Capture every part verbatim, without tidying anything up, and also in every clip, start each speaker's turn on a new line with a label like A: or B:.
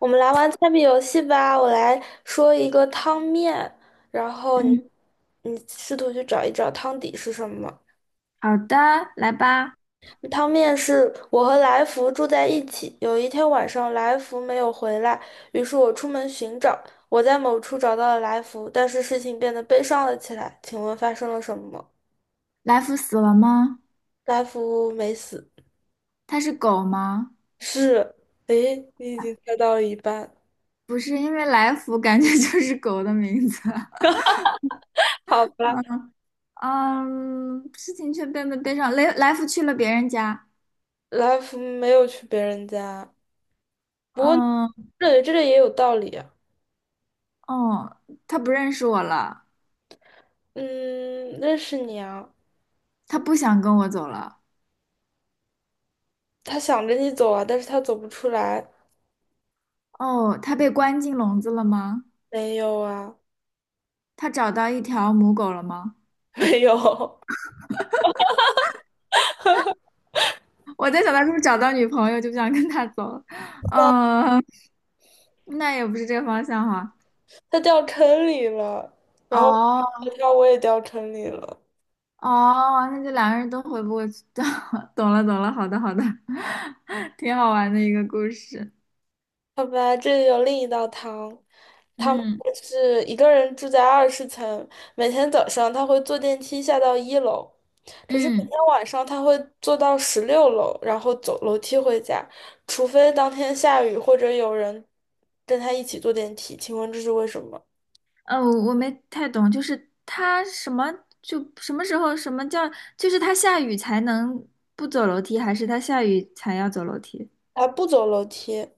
A: 我们来玩猜谜游戏吧，我来说一个汤面，嗯
B: 嗯，
A: 你试图去找一找汤底是什么。
B: 好的，来吧。
A: 汤面是我和来福住在一起，有一天晚上来福没有回来，于是我出门寻找，我在某处找到了来福，但是事情变得悲伤了起来。请问发生了什么？
B: 来福死了吗？
A: 来福没死，
B: 它是狗吗？
A: 是，诶，你已经猜到了一半，
B: 不是，因为来福感觉 就是狗的名字。
A: 好吧，
B: 嗯，事情却变得悲伤。来来福去了别人家。
A: 来福没有去别人家，不过
B: 嗯，
A: 对，这个也有道理啊。
B: 哦，他不认识我了，
A: 嗯，认识你啊，
B: 他不想跟我走了。
A: 他想着你走啊，但是他走不出来。
B: 哦，他被关进笼子了吗？
A: 没有啊，
B: 他找到一条母狗了吗？
A: 没有，
B: 我在想他是不是找到女朋友就不想跟他走了。嗯，那也不是这个方向哈。
A: 他掉坑里了，然后
B: 哦。
A: 他我也掉坑里了。
B: 哦，那就两个人都回不过去，懂了懂了，好的好的，挺好玩的一个故事。
A: 好吧，这里有另一道汤，他们
B: 嗯
A: 是一个人住在二十层，每天早上他会坐电梯下到一楼，可是每
B: 嗯，
A: 天晚上他会坐到十六楼，然后走楼梯回家，除非当天下雨或者有人跟他一起坐电梯。请问这是为什么？
B: 呃，我我没太懂，就是他什么就什么时候什么叫，就是他下雨才能不走楼梯，还是他下雨才要走楼梯？
A: 他不走楼梯。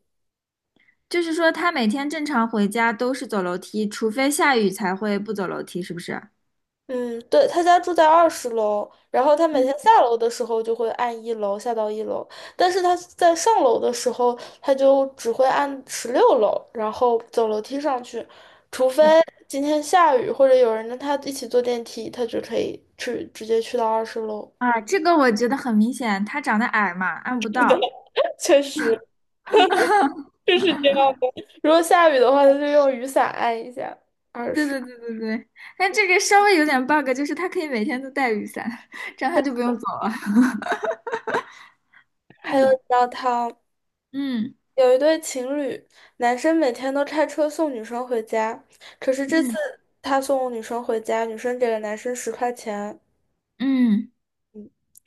B: 就是说他每天正常回家都是走楼梯，除非下雨才会不走楼梯，是不是？
A: 嗯，对，他家住在二十楼，然后他每天
B: 嗯，
A: 下楼的时候就会按一楼下到一楼，但是他在上楼的时候，他就只会按十六楼，然后走楼梯上去，除非
B: 我
A: 今天下雨或者有人跟他一起坐电梯，他就可以去直接去到二十楼。
B: 啊，这个我觉得很明显，他长得矮嘛，按不
A: 是的，
B: 到。
A: 确实就是这样。如果下雨的话，他就用雨伞按一下二
B: 对
A: 十。
B: 对对对对，但这个稍微有点 bug，就是他可以每天都带雨伞，这样他就不用走了。
A: 还有一
B: 嗯
A: 道汤。
B: 嗯
A: 有一对情侣，男生每天都开车送女生回家，可是这次
B: 嗯
A: 他送女生回家，女生给了男生十块钱，
B: 嗯，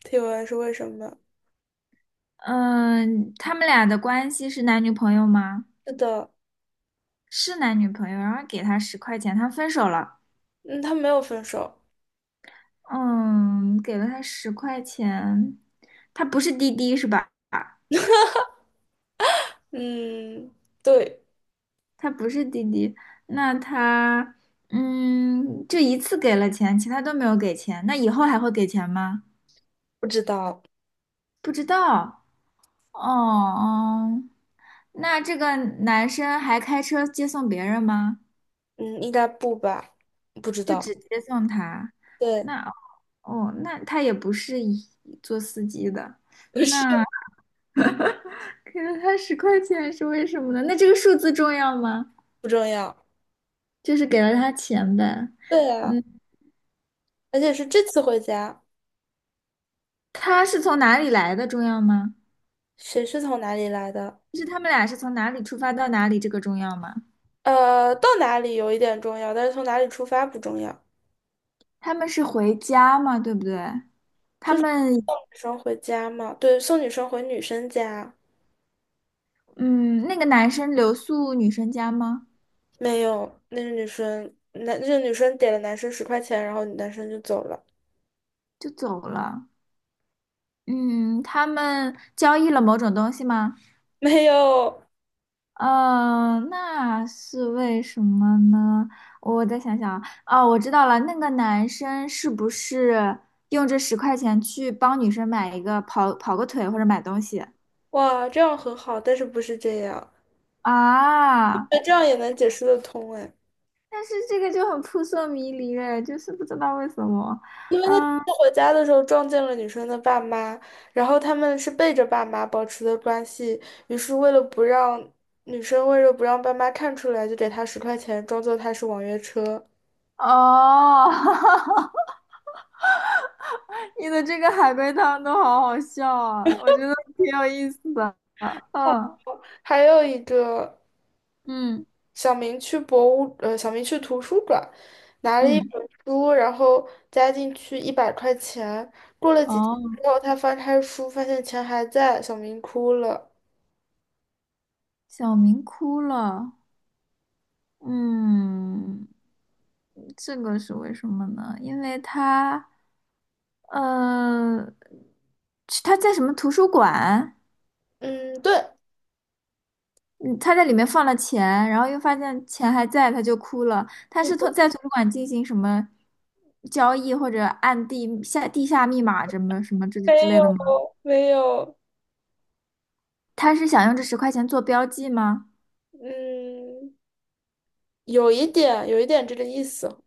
A: 提问是为什么？
B: 嗯，呃他们俩的关系是男女朋友吗？
A: 是的，
B: 是男女朋友，然后给他十块钱，他分手了。
A: 嗯，他没有分手，
B: 嗯，给了他十块钱，他不是滴滴是吧？
A: 嗯，对，
B: 他不是滴滴，那他嗯，就一次给了钱，其他都没有给钱，那以后还会给钱吗？
A: 不知道，
B: 不知道。哦哦，那这个男生还开车接送别人吗？
A: 嗯，应该不吧，不知
B: 就
A: 道，
B: 只接送他？
A: 对，
B: 那哦，那他也不是一做司机的，
A: 不是，
B: 那给了他十块钱是为什么呢？那这个数字重要吗？
A: 不重要，
B: 就是给了他钱呗。
A: 对啊，
B: 嗯，
A: 而且是这次回家，
B: 他是从哪里来的重要吗？
A: 谁是从哪里来的？
B: 就是他们俩是从哪里出发到哪里，这个重要吗？
A: 呃，到哪里有一点重要，但是从哪里出发不重要。
B: 他们是回家吗？对不对？他们，
A: 女生回家嘛，对，送女生回女生家。
B: 嗯，那个男生留宿女生家吗？
A: 没有，那个女生，男，那个女生给了男生十块钱，然后男生就走了。
B: 就走了。嗯，他们交易了某种东西吗？
A: 没有，
B: 呃，那是为什么呢？我再想想啊，哦，我知道了，那个男生是不是用这十块钱去帮女生买一个跑跑个腿或者买东西
A: 哇，这样很好，但是不是这样？
B: 啊？
A: 那这样也能解释得通哎，
B: 但是这个就很扑朔迷离哎，就是不知道为什么。
A: 因为
B: 嗯，
A: 他回家的时候撞见了女生的爸妈，然后他们是背着爸妈保持的关系，于是为了不让女生为了不让爸妈看出来，就给他十块钱，装作他是网约车。
B: 哦，你的这个海龟汤都好好笑啊，我觉得挺有意思的。嗯
A: 还有一个。
B: 嗯。
A: 小明去博物，呃，小明去图书馆，拿了一
B: 嗯，
A: 本书，然后加进去一百块钱。过了几天
B: 哦，
A: 之后，他翻开书，发现钱还在，小明哭了。
B: 小明哭了。嗯，这个是为什么呢？因为他，呃，是他在什么图书馆？
A: 嗯，对，
B: 嗯，他在里面放了钱，然后又发现钱还在，他就哭了。他是从在图书馆进行什么交易，或者按地下地下密码什么什么之之
A: 没
B: 类
A: 有，
B: 的吗？
A: 没有，
B: 他是想用这十块钱做标记吗？
A: 嗯，有一点，有一点这个意思。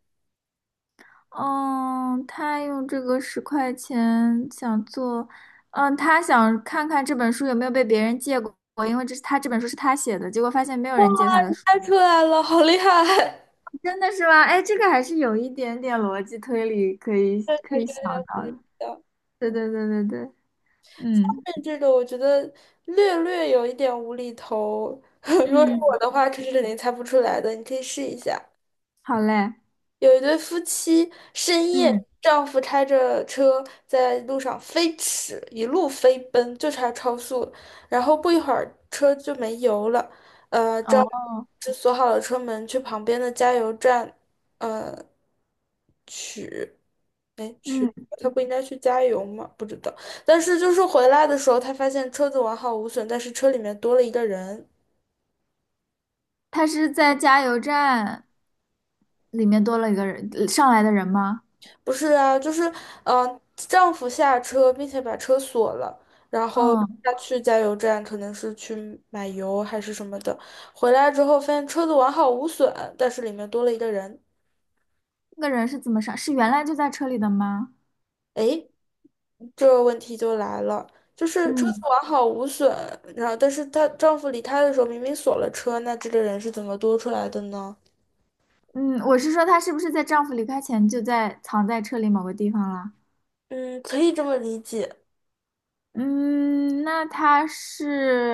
B: 嗯，他用这个十块钱想做，嗯，他想看看这本书有没有被别人借过，因为这是他这本书是他写的，结果发现没有人借他的书，
A: 猜出来了，好厉害！
B: 真的是吗？哎，这个还是有一点点逻辑推理可以
A: 对，
B: 可
A: 还
B: 以
A: 是
B: 想到的。
A: 的。后
B: 对对对对对，嗯
A: 面这个我觉得略略有一点无厘头。如果是
B: 嗯，
A: 我的话，这是肯定猜不出来的，你可以试一下。
B: 好嘞，
A: 有一对夫妻深夜，
B: 嗯
A: 丈夫开着车在路上飞驰，一路飞奔，就差超速了然后不一会儿车就没油了，呃，
B: 哦
A: 丈夫就锁好了车门，去旁边的加油站，呃，
B: 嗯，
A: 他不应该去加油吗？不知道。但是就是回来的时候，他发现车子完好无损，但是车里面多了一个人。
B: 他是在加油站里面多了一个人上来的人吗？
A: 不是啊，就是嗯、呃丈夫下车并且把车锁了，然后
B: 嗯，
A: 他去加油站，可能是去买油还是什么的，回来之后发现车子完好无损，但是里面多了一个人。
B: 那个人是怎么上？是原来就在车里的吗？
A: 诶，这个问题就来了，就是车子
B: 嗯。
A: 完好无损，然后但是她丈夫离开的时候明明锁了车，那这个人是怎么多出来的呢？
B: 嗯，我是说她是不是在丈夫离开前就在藏在车里某个地方了？
A: 嗯，可以这么理解，
B: 嗯，那她是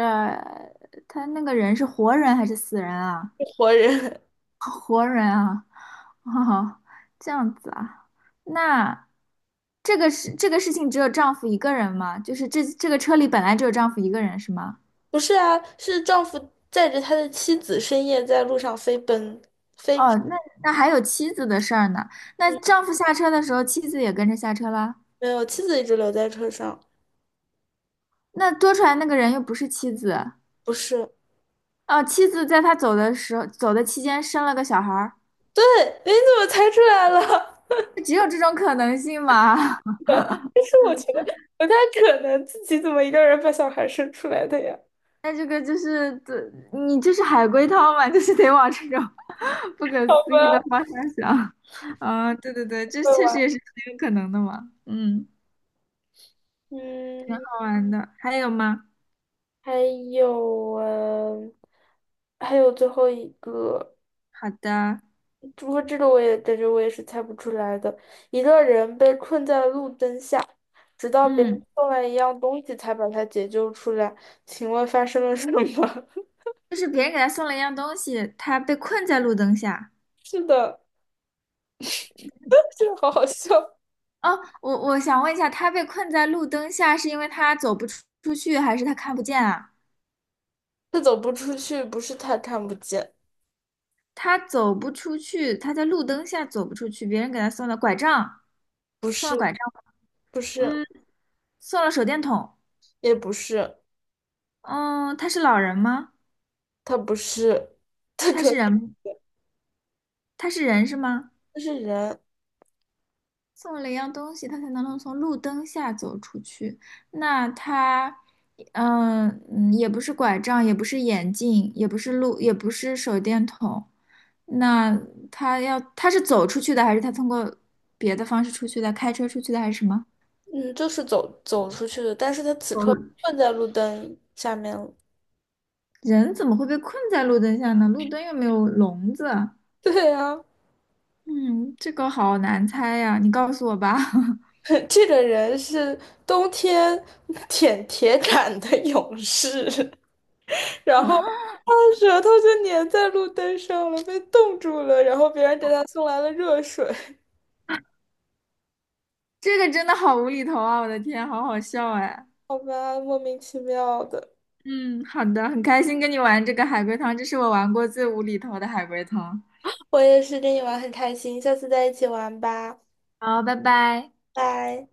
B: 她那个人是活人还是死人啊？
A: 活人。
B: 哦，这样子啊，那这个事这个事情只有丈夫一个人吗？就是这这个车里本来只有丈夫一个人是吗？
A: 不是啊，是丈夫载着他的妻子深夜在路上飞奔。
B: 哦，那那还有妻子的事儿呢。那丈夫下车的时候，妻子也跟着下车了。
A: 没有，妻子一直留在车上。
B: 那多出来那个人又不是妻子，
A: 不是，
B: 哦，妻子在他走的时候，走的期间生了个小孩儿，
A: 对，哎你怎么猜出来了？
B: 只有这种可能性嘛？
A: 但是我觉得不太可能自己怎么一个人把小孩生出来的呀？
B: 那这个就是，这你这是海龟汤嘛？就是得往这种 不可 思
A: 好
B: 议的方向想。啊、对对对，这
A: 会
B: 确实
A: 玩。
B: 也是很有可能的嘛。嗯，
A: 嗯，
B: 好玩的，还有吗？
A: 还有嗯，还有最后一个，
B: 好的，
A: 不过这个我也感觉我也是猜不出来的。一个人被困在路灯下，直到别人
B: 嗯，
A: 送来一样东西才把他解救出来。请问发生了什么？
B: 就是别人给他送了一样东西，他被困在路灯下。
A: 是的，这个好好笑。
B: 哦，我我想问一下，他被困在路灯下是因为他走不出出去，还是他看不见啊？
A: 他走不出去，不是他看不见，
B: 他走不出去，他在路灯下走不出去，别人给他送了拐杖，
A: 不
B: 送了
A: 是，
B: 拐杖，
A: 不是，
B: 嗯，送了手电筒，
A: 也不是，
B: 嗯，他是老人吗？
A: 他不是，他
B: 他
A: 可
B: 是人
A: 能
B: 吗他是人是吗？
A: 就是人，
B: 送了一样东西，他才能能从路灯下走出去。那他，嗯嗯，也不是拐杖，也不是眼镜，也不是路，也不是手电筒。那他要，他是走出去的，还是他通过别的方式出去的？开车出去的，还是什么？
A: 嗯，就是走走出去的，但是他此刻困在路灯下面了。
B: 人怎么会被困在路灯下呢？路灯又没有笼子。
A: 对啊，
B: 嗯，这个好难猜呀，你告诉我吧。
A: 这个人是冬天舔铁杆的勇士，然后他的舌头就粘在路灯上了，被冻住了，然后别人给他送来了热水，
B: 这个真的好无厘头啊！我的天，好好笑哎。
A: 好吧，莫名其妙的。
B: 嗯，好的，很开心跟你玩这个海龟汤，这是我玩过最无厘头的海龟汤。
A: 我也是跟你玩很开心，下次再一起玩吧，
B: 好，拜拜。
A: 拜。